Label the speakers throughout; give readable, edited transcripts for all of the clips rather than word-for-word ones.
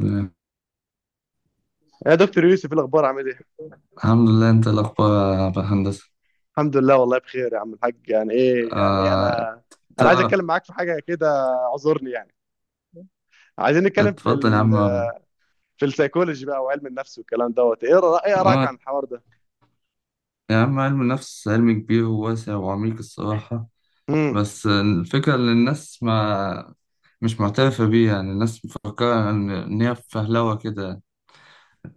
Speaker 1: تمام.
Speaker 2: يا دكتور يوسف، ايه الاخبار؟ عامل ايه؟
Speaker 1: الحمد لله، انت الاخبار يا عبد الهندسه.
Speaker 2: الحمد لله والله بخير يا عم الحاج. يعني ايه يعني،
Speaker 1: آه،
Speaker 2: انا عايز
Speaker 1: تعرف.
Speaker 2: اتكلم معاك في حاجه كده، اعذرني يعني. عايزين نتكلم
Speaker 1: اتفضل يا عم.
Speaker 2: في السيكولوجي بقى وعلم النفس والكلام دوت ايه، ايه ارائك
Speaker 1: اه
Speaker 2: عن الحوار ده؟
Speaker 1: يا عم، علم النفس علم كبير وواسع وعميق الصراحه.
Speaker 2: امم.
Speaker 1: بس الفكره ان الناس ما مش معترفه بيه، يعني الناس مفكره ان هي فهلوه كده.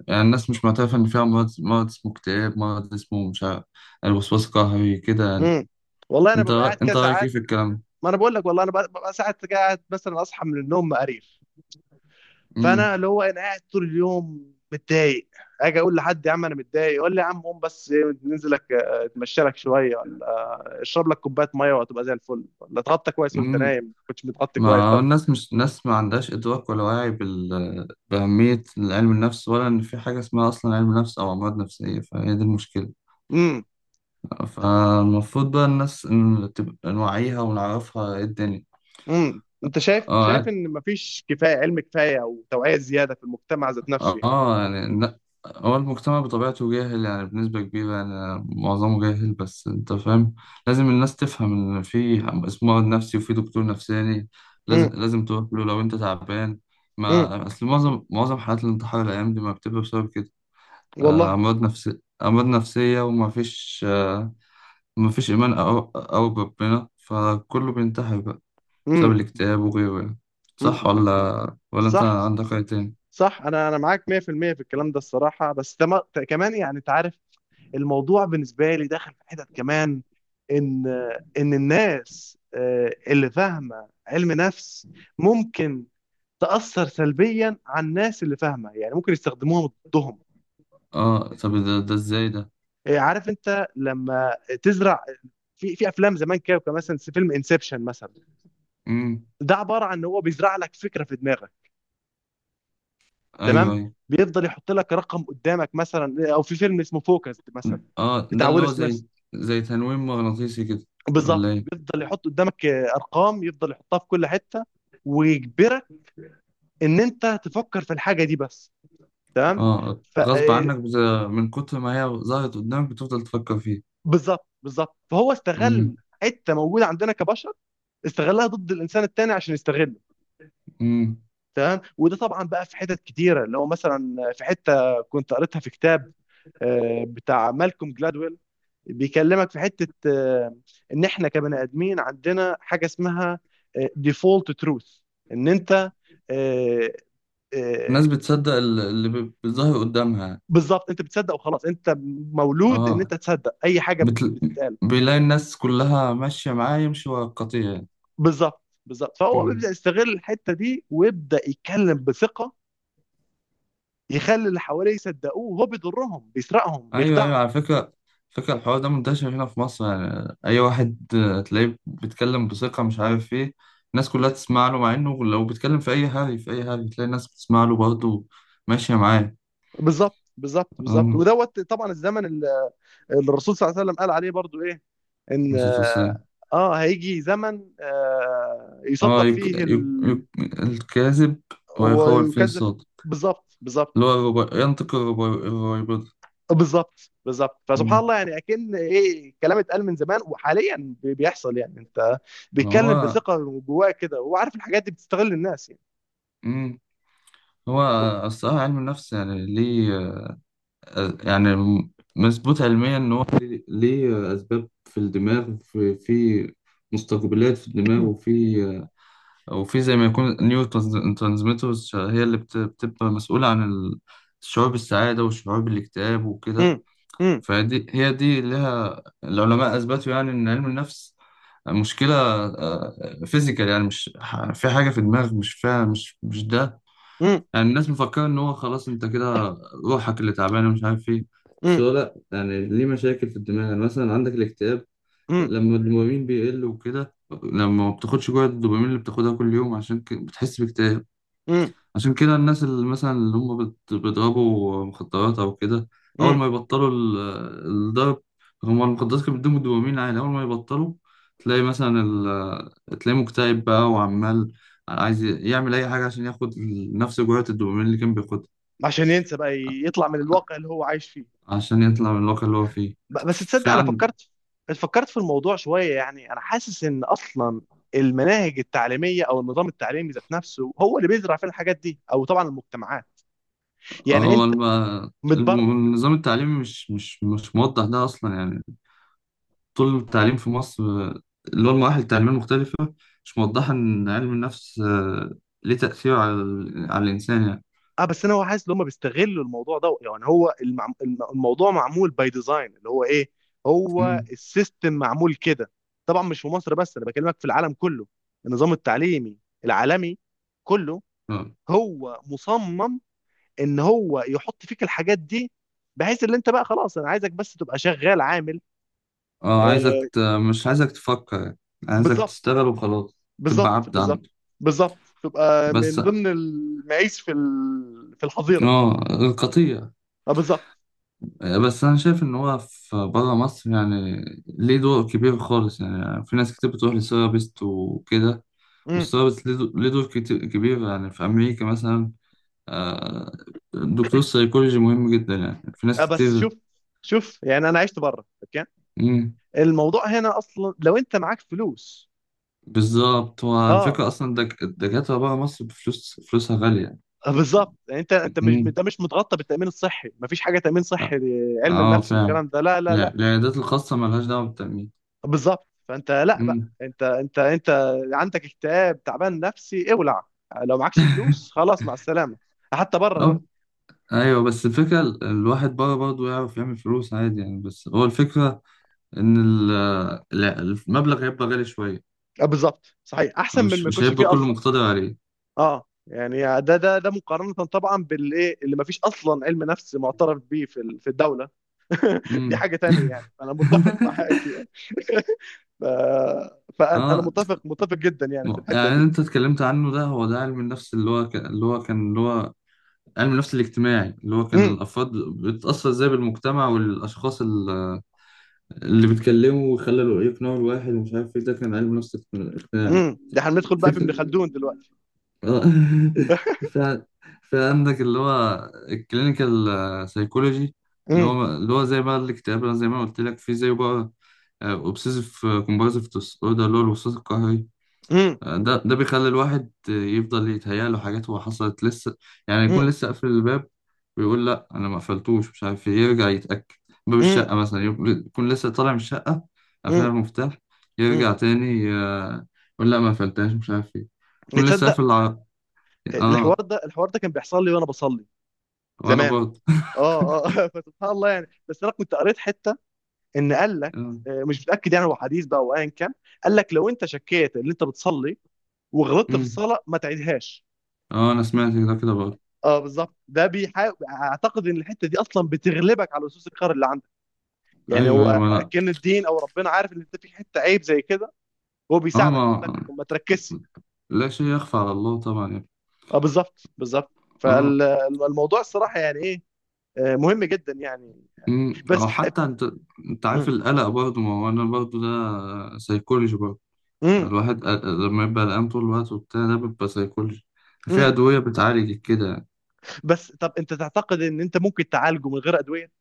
Speaker 1: يعني الناس مش معترفه ان فيها مرض، اسمه اكتئاب، مرض اسمه مش عارف، الوسواس القهري كده يعني.
Speaker 2: امم. والله انا ببقى قاعد كده
Speaker 1: انت رايك ايه
Speaker 2: ساعات.
Speaker 1: في الكلام ده؟
Speaker 2: ما انا بقول لك والله، انا ببقى ساعات قاعد، مثلا اصحى من النوم مقريف. فانا اللي هو انا قاعد طول اليوم متضايق. اجي اقول لحد يا عم انا متضايق، يقول لي يا عم قوم بس إيه، ننزل لك اتمشى لك شويه، اشرب لك كوبايه ميه وهتبقى زي الفل، ولا اتغطى كويس وانت
Speaker 1: مم.
Speaker 2: نايم ما كنتش متغطي كويس،
Speaker 1: ما
Speaker 2: طب.
Speaker 1: الناس مش ناس، ما عندهاش إدراك ولا وعي بأهمية علم النفس، ولا إن في حاجة اسمها أصلا علم نفس أو أمراض نفسية، فهي دي المشكلة.
Speaker 2: امم.
Speaker 1: فالمفروض بقى الناس إن تبقى نوعيها ونعرفها إيه الدنيا.
Speaker 2: امم. انت شايف
Speaker 1: آه،
Speaker 2: ان مفيش كفايه علم، كفايه او توعيه زياده في المجتمع ذات نفسه، يعني؟
Speaker 1: اه يعني لا، هو المجتمع بطبيعته جاهل، يعني بنسبة كبيرة، يعني معظمه جاهل، بس انت فاهم. لازم الناس تفهم ان في اسمه مرض نفسي وفي دكتور نفساني. لازم
Speaker 2: امم.
Speaker 1: لازم تروح له لو انت تعبان.
Speaker 2: امم.
Speaker 1: ما اصل معظم حالات الانتحار الايام دي ما بتبقى بسبب كده.
Speaker 2: والله.
Speaker 1: امراض نفسية، امراض نفسية، وما فيش آه، ما فيش ايمان او بربنا، فكله بينتحر بقى بسبب
Speaker 2: امم.
Speaker 1: الاكتئاب وغيره يعني. صح
Speaker 2: امم.
Speaker 1: ولا انت
Speaker 2: صح.
Speaker 1: عندك رأي تاني؟
Speaker 2: صح. انا معاك 100% في المية في الكلام ده الصراحه، بس ده كمان يعني، انت عارف الموضوع بالنسبه لي داخل في حتت كمان، ان ان الناس اللي فاهمه علم نفس ممكن تأثر سلبيا على الناس اللي فاهمة، يعني ممكن يستخدموها ضدهم.
Speaker 1: اه، طب ده، ده ازاي ده؟
Speaker 2: إيه، عارف انت لما تزرع في افلام زمان كده، كان مثلا فيلم انسبشن مثلا.
Speaker 1: امم.
Speaker 2: ده عبارة عن ان هو بيزرع لك فكرة في دماغك،
Speaker 1: ايوه
Speaker 2: تمام.
Speaker 1: ايوه.
Speaker 2: بيفضل يحط لك رقم قدامك مثلا، او في فيلم اسمه فوكس مثلا،
Speaker 1: اه، ده
Speaker 2: بتاع
Speaker 1: اللي
Speaker 2: ويل
Speaker 1: هو
Speaker 2: سميث.
Speaker 1: زي، زي تنويم مغناطيسي كده؟ ولا
Speaker 2: بالظبط،
Speaker 1: ايه؟
Speaker 2: بيفضل يحط قدامك ارقام، يفضل يحطها في كل حتة، ويجبرك ان انت تفكر في الحاجة دي بس، تمام.
Speaker 1: اه، غصب عنك من كتر ما هي ظهرت قدامك بتفضل تفكر فيها.
Speaker 2: بالظبط، بالظبط. فهو استغل
Speaker 1: امم.
Speaker 2: حته موجوده عندنا كبشر، استغلها ضد الانسان التاني عشان يستغله،
Speaker 1: امم.
Speaker 2: تمام. وده طبعا بقى في حتت كتيره. اللي هو مثلا في حته كنت قريتها في كتاب بتاع مالكوم جلادويل. بيكلمك في حته ان احنا كبني ادمين عندنا حاجه اسمها ديفولت تروث. ان انت آه، آه،
Speaker 1: الناس بتصدق اللي بيظهر قدامها يعني.
Speaker 2: بالظبط، انت بتصدق وخلاص. انت مولود ان
Speaker 1: اه،
Speaker 2: انت تصدق اي حاجه
Speaker 1: بتل...
Speaker 2: بتتقال.
Speaker 1: بيلاقي الناس كلها ماشية معاه، يمشي ورا القطيع
Speaker 2: بالظبط، بالظبط. فهو
Speaker 1: يعني.
Speaker 2: بيبدا يستغل الحته دي، ويبدا يتكلم بثقه، يخلي اللي حواليه يصدقوه، وهو بيضرهم بيسرقهم
Speaker 1: ايوه، ايوه،
Speaker 2: بيخدعهم.
Speaker 1: على فكره، فكره الحوار ده منتشر هنا في مصر، يعني اي واحد آه، تلاقيه بيتكلم بثقه مش عارف ايه، الناس كلها تسمع له، مع انه لو بيتكلم في اي هري، تلاقي الناس بتسمع له برضه، ماشيه معاه.
Speaker 2: بالظبط، بالظبط، بالظبط.
Speaker 1: اه،
Speaker 2: ودوت طبعا الزمن اللي الرسول صلى الله عليه وسلم قال عليه برضو ايه، ان
Speaker 1: نسيت أقول.
Speaker 2: اه هيجي زمن
Speaker 1: اه
Speaker 2: يصدق
Speaker 1: يك...
Speaker 2: فيه
Speaker 1: يك... يك... الكاذب، ويخول فيه
Speaker 2: ويكذب.
Speaker 1: الصادق.
Speaker 2: بالظبط، بالظبط،
Speaker 1: اللي هو ينطق الربيبضة.
Speaker 2: بالظبط، بالظبط. فسبحان
Speaker 1: أمم.
Speaker 2: الله يعني، اكن ايه، كلام اتقال من زمان وحاليا بيحصل يعني، انت بيتكلم
Speaker 1: هو،
Speaker 2: بثقه جواه كده، وهو عارف الحاجات دي بتستغل الناس يعني.
Speaker 1: أمم، هو الصراحة علم النفس يعني ليه، يعني مظبوط علميا ان هو ليه، ليه اسباب في الدماغ، في في مستقبلات في الدماغ،
Speaker 2: مم.
Speaker 1: وفي او في زي ما يكون نيو ترانسميترز هي اللي بتبقى مسؤولة عن الشعور بالسعادة والشعور بالاكتئاب وكده.
Speaker 2: مم. مم.
Speaker 1: فدي هي دي لها العلماء اثبتوا، يعني ان علم النفس مشكلة فيزيكال، يعني مش في حاجة في دماغ مش فيها، مش مش ده يعني. الناس مفكرة إن هو خلاص أنت كده روحك اللي تعبانة ومش عارف إيه. بس
Speaker 2: مم.
Speaker 1: هو لأ، يعني ليه مشاكل في الدماغ. يعني مثلا عندك الاكتئاب
Speaker 2: مم.
Speaker 1: لما الدوبامين بيقل وكده. لما ما بتاخدش جرعة الدوبامين اللي بتاخدها كل يوم، عشان بتحس باكتئاب.
Speaker 2: مم.
Speaker 1: عشان كده الناس اللي مثلا اللي هم بيضربوا مخدرات أو كده، أول
Speaker 2: مم.
Speaker 1: ما يبطلوا الضرب، هم المخدرات كانت بتديهم الدوبامين عالي، أول ما يبطلوا تلاقي مثلا تلاقيه مكتئب بقى، وعمال عايز يعمل أي حاجة عشان ياخد نفس جرعة الدوبامين اللي كان بياخدها.
Speaker 2: عشان ينسى بقى، يطلع من الواقع اللي هو عايش فيه.
Speaker 1: عشان يطلع من الواقع اللي هو فيه.
Speaker 2: بس
Speaker 1: في
Speaker 2: تصدق، انا
Speaker 1: عن
Speaker 2: فكرت في الموضوع شويه يعني. انا حاسس ان اصلا المناهج التعليميه او النظام التعليمي ذات نفسه هو اللي بيزرع فينا الحاجات دي، او طبعا المجتمعات، يعني
Speaker 1: هو
Speaker 2: انت متبرمج.
Speaker 1: النظام التعليمي مش موضح ده أصلا يعني. طول التعليم في مصر، اللي هو المراحل التعليمية المختلفة، مش موضحة إن علم النفس ليه تأثير على على الإنسان يعني.
Speaker 2: اه، بس انا هو حاسس ان هم بيستغلوا الموضوع ده، يعني هو الموضوع معمول باي ديزاين اللي هو ايه، هو
Speaker 1: مم.
Speaker 2: السيستم معمول كده. طبعا مش في مصر بس، انا بكلمك في العالم كله. النظام التعليمي العالمي كله
Speaker 1: اه،
Speaker 2: هو مصمم ان هو يحط فيك الحاجات دي، بحيث ان انت بقى خلاص، انا عايزك بس تبقى شغال عامل آه
Speaker 1: عايزك مش عايزك تفكر يعني. عايزك
Speaker 2: بالظبط،
Speaker 1: تشتغل وخلاص، تبقى
Speaker 2: بالظبط،
Speaker 1: عبد
Speaker 2: بالظبط،
Speaker 1: عنده
Speaker 2: بالظبط. تبقى
Speaker 1: بس.
Speaker 2: من ضمن المعيش في الحظيره.
Speaker 1: اه، قطيع.
Speaker 2: اه، بالظبط.
Speaker 1: آه، بس أنا شايف إن هو في برا مصر يعني ليه دور كبير خالص، يعني في ناس كتير بتروح لسيرابيست وكده، والسيرابيست ليه ليه دور كتير كبير يعني في أمريكا مثلا. آه، دكتور السيكولوجي مهم جدا يعني، في ناس
Speaker 2: بس
Speaker 1: كتير.
Speaker 2: شوف، شوف يعني انا عشت بره، اوكي.
Speaker 1: مم.
Speaker 2: الموضوع هنا اصلا لو انت معاك فلوس،
Speaker 1: بالظبط، هو
Speaker 2: اه.
Speaker 1: الفكرة أصلا الدكاترة بره مصر بفلوس، فلوسها غالية يعني.
Speaker 2: بالظبط يعني، انت انت مش
Speaker 1: مم.
Speaker 2: انت مش متغطى بالتامين الصحي، مفيش حاجه تامين صحي،
Speaker 1: اه.
Speaker 2: علم
Speaker 1: آه،
Speaker 2: النفس
Speaker 1: فعلا.
Speaker 2: والكلام ده، لا، لا، لا.
Speaker 1: لا، العيادات الخاصة ملهاش دعوة بالتأمين.
Speaker 2: بالظبط. فانت لا بقى،
Speaker 1: مم.
Speaker 2: انت عندك اكتئاب، تعبان نفسي، اولع. لو معكش فلوس خلاص، مع السلامه. حتى بره
Speaker 1: أه.
Speaker 2: برضه.
Speaker 1: أيوه، بس الفكرة الواحد بره برضه يعرف يعمل فلوس عادي يعني، بس هو الفكرة إن لا، المبلغ هيبقى غالي شوية،
Speaker 2: بالظبط، صحيح احسن من
Speaker 1: مش
Speaker 2: ما
Speaker 1: مش
Speaker 2: يكونش
Speaker 1: هيبقى
Speaker 2: فيه
Speaker 1: كله
Speaker 2: اصلا.
Speaker 1: مقتدر عليه.
Speaker 2: اه يعني، ده مقارنه طبعا بالايه، اللي مفيش اصلا علم نفس معترف بيه في الدوله. دي
Speaker 1: مم.
Speaker 2: حاجة تانية يعني، فأنا متفق معاك يعني. ف... فأنا
Speaker 1: اه،
Speaker 2: متفق متفق جدا يعني في الحتة
Speaker 1: يعني اللي
Speaker 2: دي.
Speaker 1: انت اتكلمت عنه ده، هو ده علم النفس اللي هو كان اللي هو كان اللي هو علم النفس الاجتماعي، اللي هو كان
Speaker 2: امم.
Speaker 1: الافراد بتتاثر ازاي بالمجتمع والاشخاص اللي بيتكلموا ويخلوا يقنعوا الواحد ومش عارف ايه. ده كان علم النفس الاجتماعي.
Speaker 2: امم. ده هندخل بقى في ابن
Speaker 1: فكرة.
Speaker 2: خلدون دلوقتي.
Speaker 1: آه. فعلا. في عندك اللي هو الكلينيكال سايكولوجي، اللي
Speaker 2: امم.
Speaker 1: هو اللي هو زي بقى الاكتئاب، زي ما قلت لك، في زي بقى اوبسيسيف كومبالسيف ديس اوردر، اللي هو الوسواس القهري.
Speaker 2: امم.
Speaker 1: ده ده بيخلي الواحد يفضل يتهيأ له حاجات هو حصلت لسه، يعني يكون
Speaker 2: امم.
Speaker 1: لسه قافل الباب، ويقول لا انا ما قفلتوش مش عارف إيه، يرجع يتأكد. باب
Speaker 2: امم.
Speaker 1: الشقة مثلا، يكون لسه طالع من الشقة قافلها
Speaker 2: امم.
Speaker 1: المفتاح،
Speaker 2: امم.
Speaker 1: يرجع تاني آه، يقول لا ما قفلتهاش مش عارف ايه، يكون لسه
Speaker 2: تصدق،
Speaker 1: قافل
Speaker 2: الحوار
Speaker 1: اه،
Speaker 2: ده الحوار ده كان بيحصل لي وأنا بصلي
Speaker 1: وانا
Speaker 2: زمان.
Speaker 1: برضه.
Speaker 2: اه. اه. فسبحان الله يعني. بس أنا كنت قريت حتة، إن قال لك
Speaker 1: اه.
Speaker 2: مش متأكد يعني، هو حديث بقى أو أيا كان، قال لك لو أنت شكيت إن أنت بتصلي وغلطت في
Speaker 1: أمم.
Speaker 2: الصلاة، ما تعيدهاش.
Speaker 1: آه، انا سمعت ده كده برضه.
Speaker 2: اه، بالظبط. ده بيحاول، اعتقد ان الحته دي اصلا بتغلبك على لصوص القهر اللي عندك يعني.
Speaker 1: ايوه ايوه.
Speaker 2: هو
Speaker 1: ما لا
Speaker 2: كان الدين او ربنا عارف ان انت في حته عيب زي كده، هو
Speaker 1: اه ما
Speaker 2: بيساعدك لك ما تركزش.
Speaker 1: لا شيء يخفى على الله طبعا.
Speaker 2: اه، بالظبط، بالظبط.
Speaker 1: اه.
Speaker 2: فالموضوع الصراحه يعني ايه، مهم جدا يعني.
Speaker 1: امم.
Speaker 2: بس
Speaker 1: او حتى انت، انت عارف
Speaker 2: امم.
Speaker 1: القلق برضه، ما هو انا برضه ده سيكولوجي برضه.
Speaker 2: امم.
Speaker 1: الواحد لما يبقى قلقان طول الوقت وبتاع، ده بيبقى سيكولوجي، في
Speaker 2: امم.
Speaker 1: أدوية بتعالج كده.
Speaker 2: بس طب، انت تعتقد ان انت ممكن تعالجه من غير ادويه؟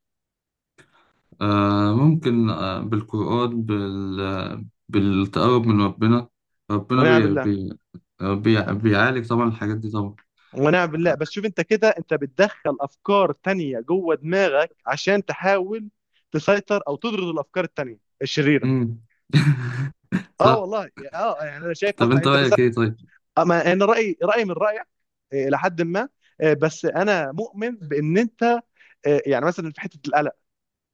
Speaker 1: آه ممكن، آه بالقرآن، بالتقرب من ربنا. ربنا
Speaker 2: ونعم
Speaker 1: بي
Speaker 2: بالله.
Speaker 1: بي آه، بيعالج طبعا الحاجات دي طبعا.
Speaker 2: ونعم بالله. بس شوف انت كده، انت بتدخل افكار تانية جوه دماغك، عشان تحاول تسيطر او تطرد الافكار التانية الشريرة.
Speaker 1: امم.
Speaker 2: اه،
Speaker 1: صح.
Speaker 2: والله، اه يعني انا شايف
Speaker 1: طب
Speaker 2: اصلا
Speaker 1: انت
Speaker 2: انت، بس
Speaker 1: رأيك ايه طيب؟
Speaker 2: اما انا رايي من رايك. الى حد ما. بس انا مؤمن بان انت، يعني مثلا في حته القلق،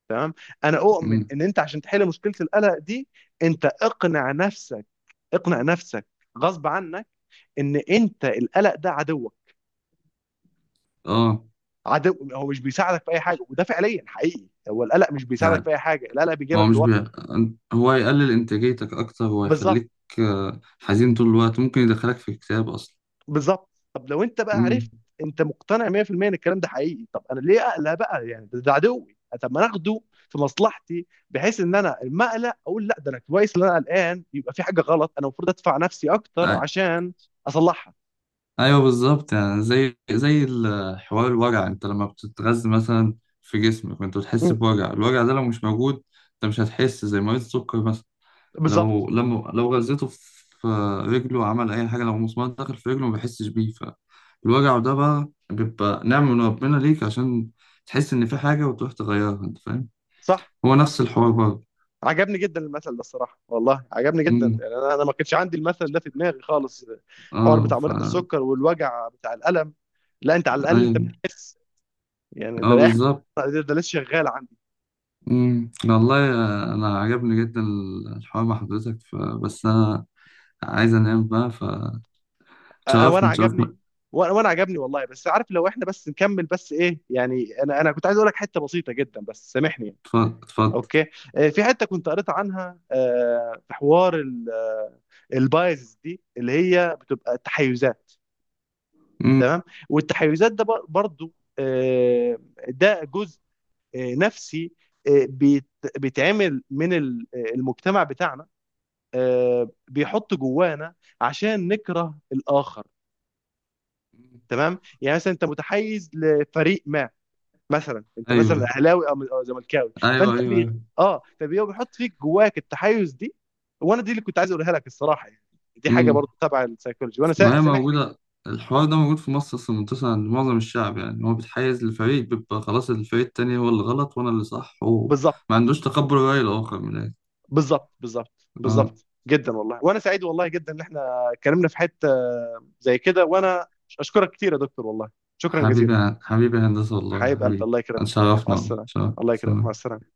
Speaker 2: تمام. انا اؤمن
Speaker 1: امم.
Speaker 2: ان انت عشان تحل مشكله القلق دي، انت اقنع نفسك، اقنع نفسك غصب عنك، ان انت القلق ده عدوك.
Speaker 1: اه
Speaker 2: عدو، هو مش بيساعدك في اي حاجه، وده فعليا حقيقي، هو القلق مش بيساعدك في
Speaker 1: يعني.
Speaker 2: اي حاجه، القلق
Speaker 1: ما هو
Speaker 2: بيجيبك
Speaker 1: مش
Speaker 2: لورا.
Speaker 1: هو يقلل إنتاجيتك أكتر، هو
Speaker 2: بالظبط،
Speaker 1: يخليك آه، حزين طول الوقت، ممكن يدخلك في اكتئاب أصلا.
Speaker 2: بالظبط. طب لو انت بقى عرفت،
Speaker 1: مم.
Speaker 2: انت مقتنع 100% ان الكلام ده حقيقي، طب انا ليه اقلق بقى يعني، ده عدوي. طب ما انا اخده في مصلحتي، بحيث ان انا لما اقلق اقول لا، ده انا كويس ان انا قلقان، يبقى في حاجه غلط، انا المفروض ادفع نفسي اكتر
Speaker 1: أي-
Speaker 2: عشان اصلحها.
Speaker 1: أيوه بالظبط. يعني زي، زي حوار الوجع، أنت لما بتتغذى مثلا في جسمك، وأنت بتحس
Speaker 2: مم.
Speaker 1: بوجع، الوجع ده لو مش موجود، أنت مش هتحس، زي مريض السكر مثلا
Speaker 2: بالظبط.
Speaker 1: لو لما لو غذيته في رجله، عمل أي حاجة، لو مسمار دخل في رجله ما بيحسش بيه. فالوجع ده بقى بيبقى نعمة من ربنا ليك، عشان تحس إن في حاجة وتروح تغيرها. أنت فاهم؟
Speaker 2: صح.
Speaker 1: هو
Speaker 2: صح.
Speaker 1: نفس الحوار برضه.
Speaker 2: عجبني جدا المثل ده الصراحه، والله عجبني جدا
Speaker 1: مم.
Speaker 2: يعني، انا ما كانش عندي المثل ده في دماغي خالص. الحوار
Speaker 1: اه
Speaker 2: بتاع
Speaker 1: ف.
Speaker 2: مريض السكر والوجع بتاع الالم، لا انت على الاقل انت
Speaker 1: ايوه.
Speaker 2: بتحس يعني.
Speaker 1: اه
Speaker 2: ده
Speaker 1: بالظبط.
Speaker 2: ده ده لسه شغال.
Speaker 1: مم. والله آه، انا عجبني جدا الحوار مع حضرتك، ف... بس انا عايز انام بقى.
Speaker 2: وانا
Speaker 1: فتشرفني
Speaker 2: عجبني.
Speaker 1: تشرفني
Speaker 2: وأنا عجبني والله. بس عارف، لو احنا بس نكمل، بس ايه يعني، انا كنت عايز اقول لك حته بسيطه جدا، بس سامحني يعني.
Speaker 1: اتفضل اتفضل.
Speaker 2: اوكي. في حته كنت قريت عنها في حوار البايز دي، اللي هي بتبقى التحيزات،
Speaker 1: مم.
Speaker 2: تمام. والتحيزات ده برضو، آه، ده جزء نفسي، آه، بيت- بيتعمل المجتمع بتاعنا، بيحط جوانا عشان نكره الاخر. تمام يعني. مثلا انت متحيز لفريق ما، مثلا انت مثلا
Speaker 1: ايوه
Speaker 2: اهلاوي أو زملكاوي،
Speaker 1: ايوه
Speaker 2: فانت
Speaker 1: ايوه ايوه
Speaker 2: اه، فبيبقى بيحط فيك جواك التحيز دي. وانا دي اللي كنت عايز اقولها لك الصراحه يعني. دي حاجه
Speaker 1: مم.
Speaker 2: برضو تبع السيكولوجي. وانا
Speaker 1: ما هي
Speaker 2: سامحني.
Speaker 1: موجوده، الحوار ده موجود في مصر اصلا، منتشر عند معظم الشعب. يعني هو بيتحيز للفريق، بيبقى خلاص الفريق التاني هو اللي غلط وانا اللي صح، هو
Speaker 2: بالظبط،
Speaker 1: ما عندوش تقبل الرأي الآخر من الآخر.
Speaker 2: بالظبط، بالظبط،
Speaker 1: اه.
Speaker 2: بالظبط جدا. والله، وانا سعيد والله جدا ان احنا اتكلمنا في حته زي كده. وانا اشكرك كتير يا دكتور والله. شكرا
Speaker 1: حبيبي
Speaker 2: جزيلا.
Speaker 1: يا- حبيبي يا هندسة، والله يا
Speaker 2: حبيب قلبي،
Speaker 1: حبيبي.
Speaker 2: الله يكرمك، مع
Speaker 1: اتشرفنا والله.
Speaker 2: السلامه. الله يكرمك، مع
Speaker 1: اتشرفنا.
Speaker 2: السلامه.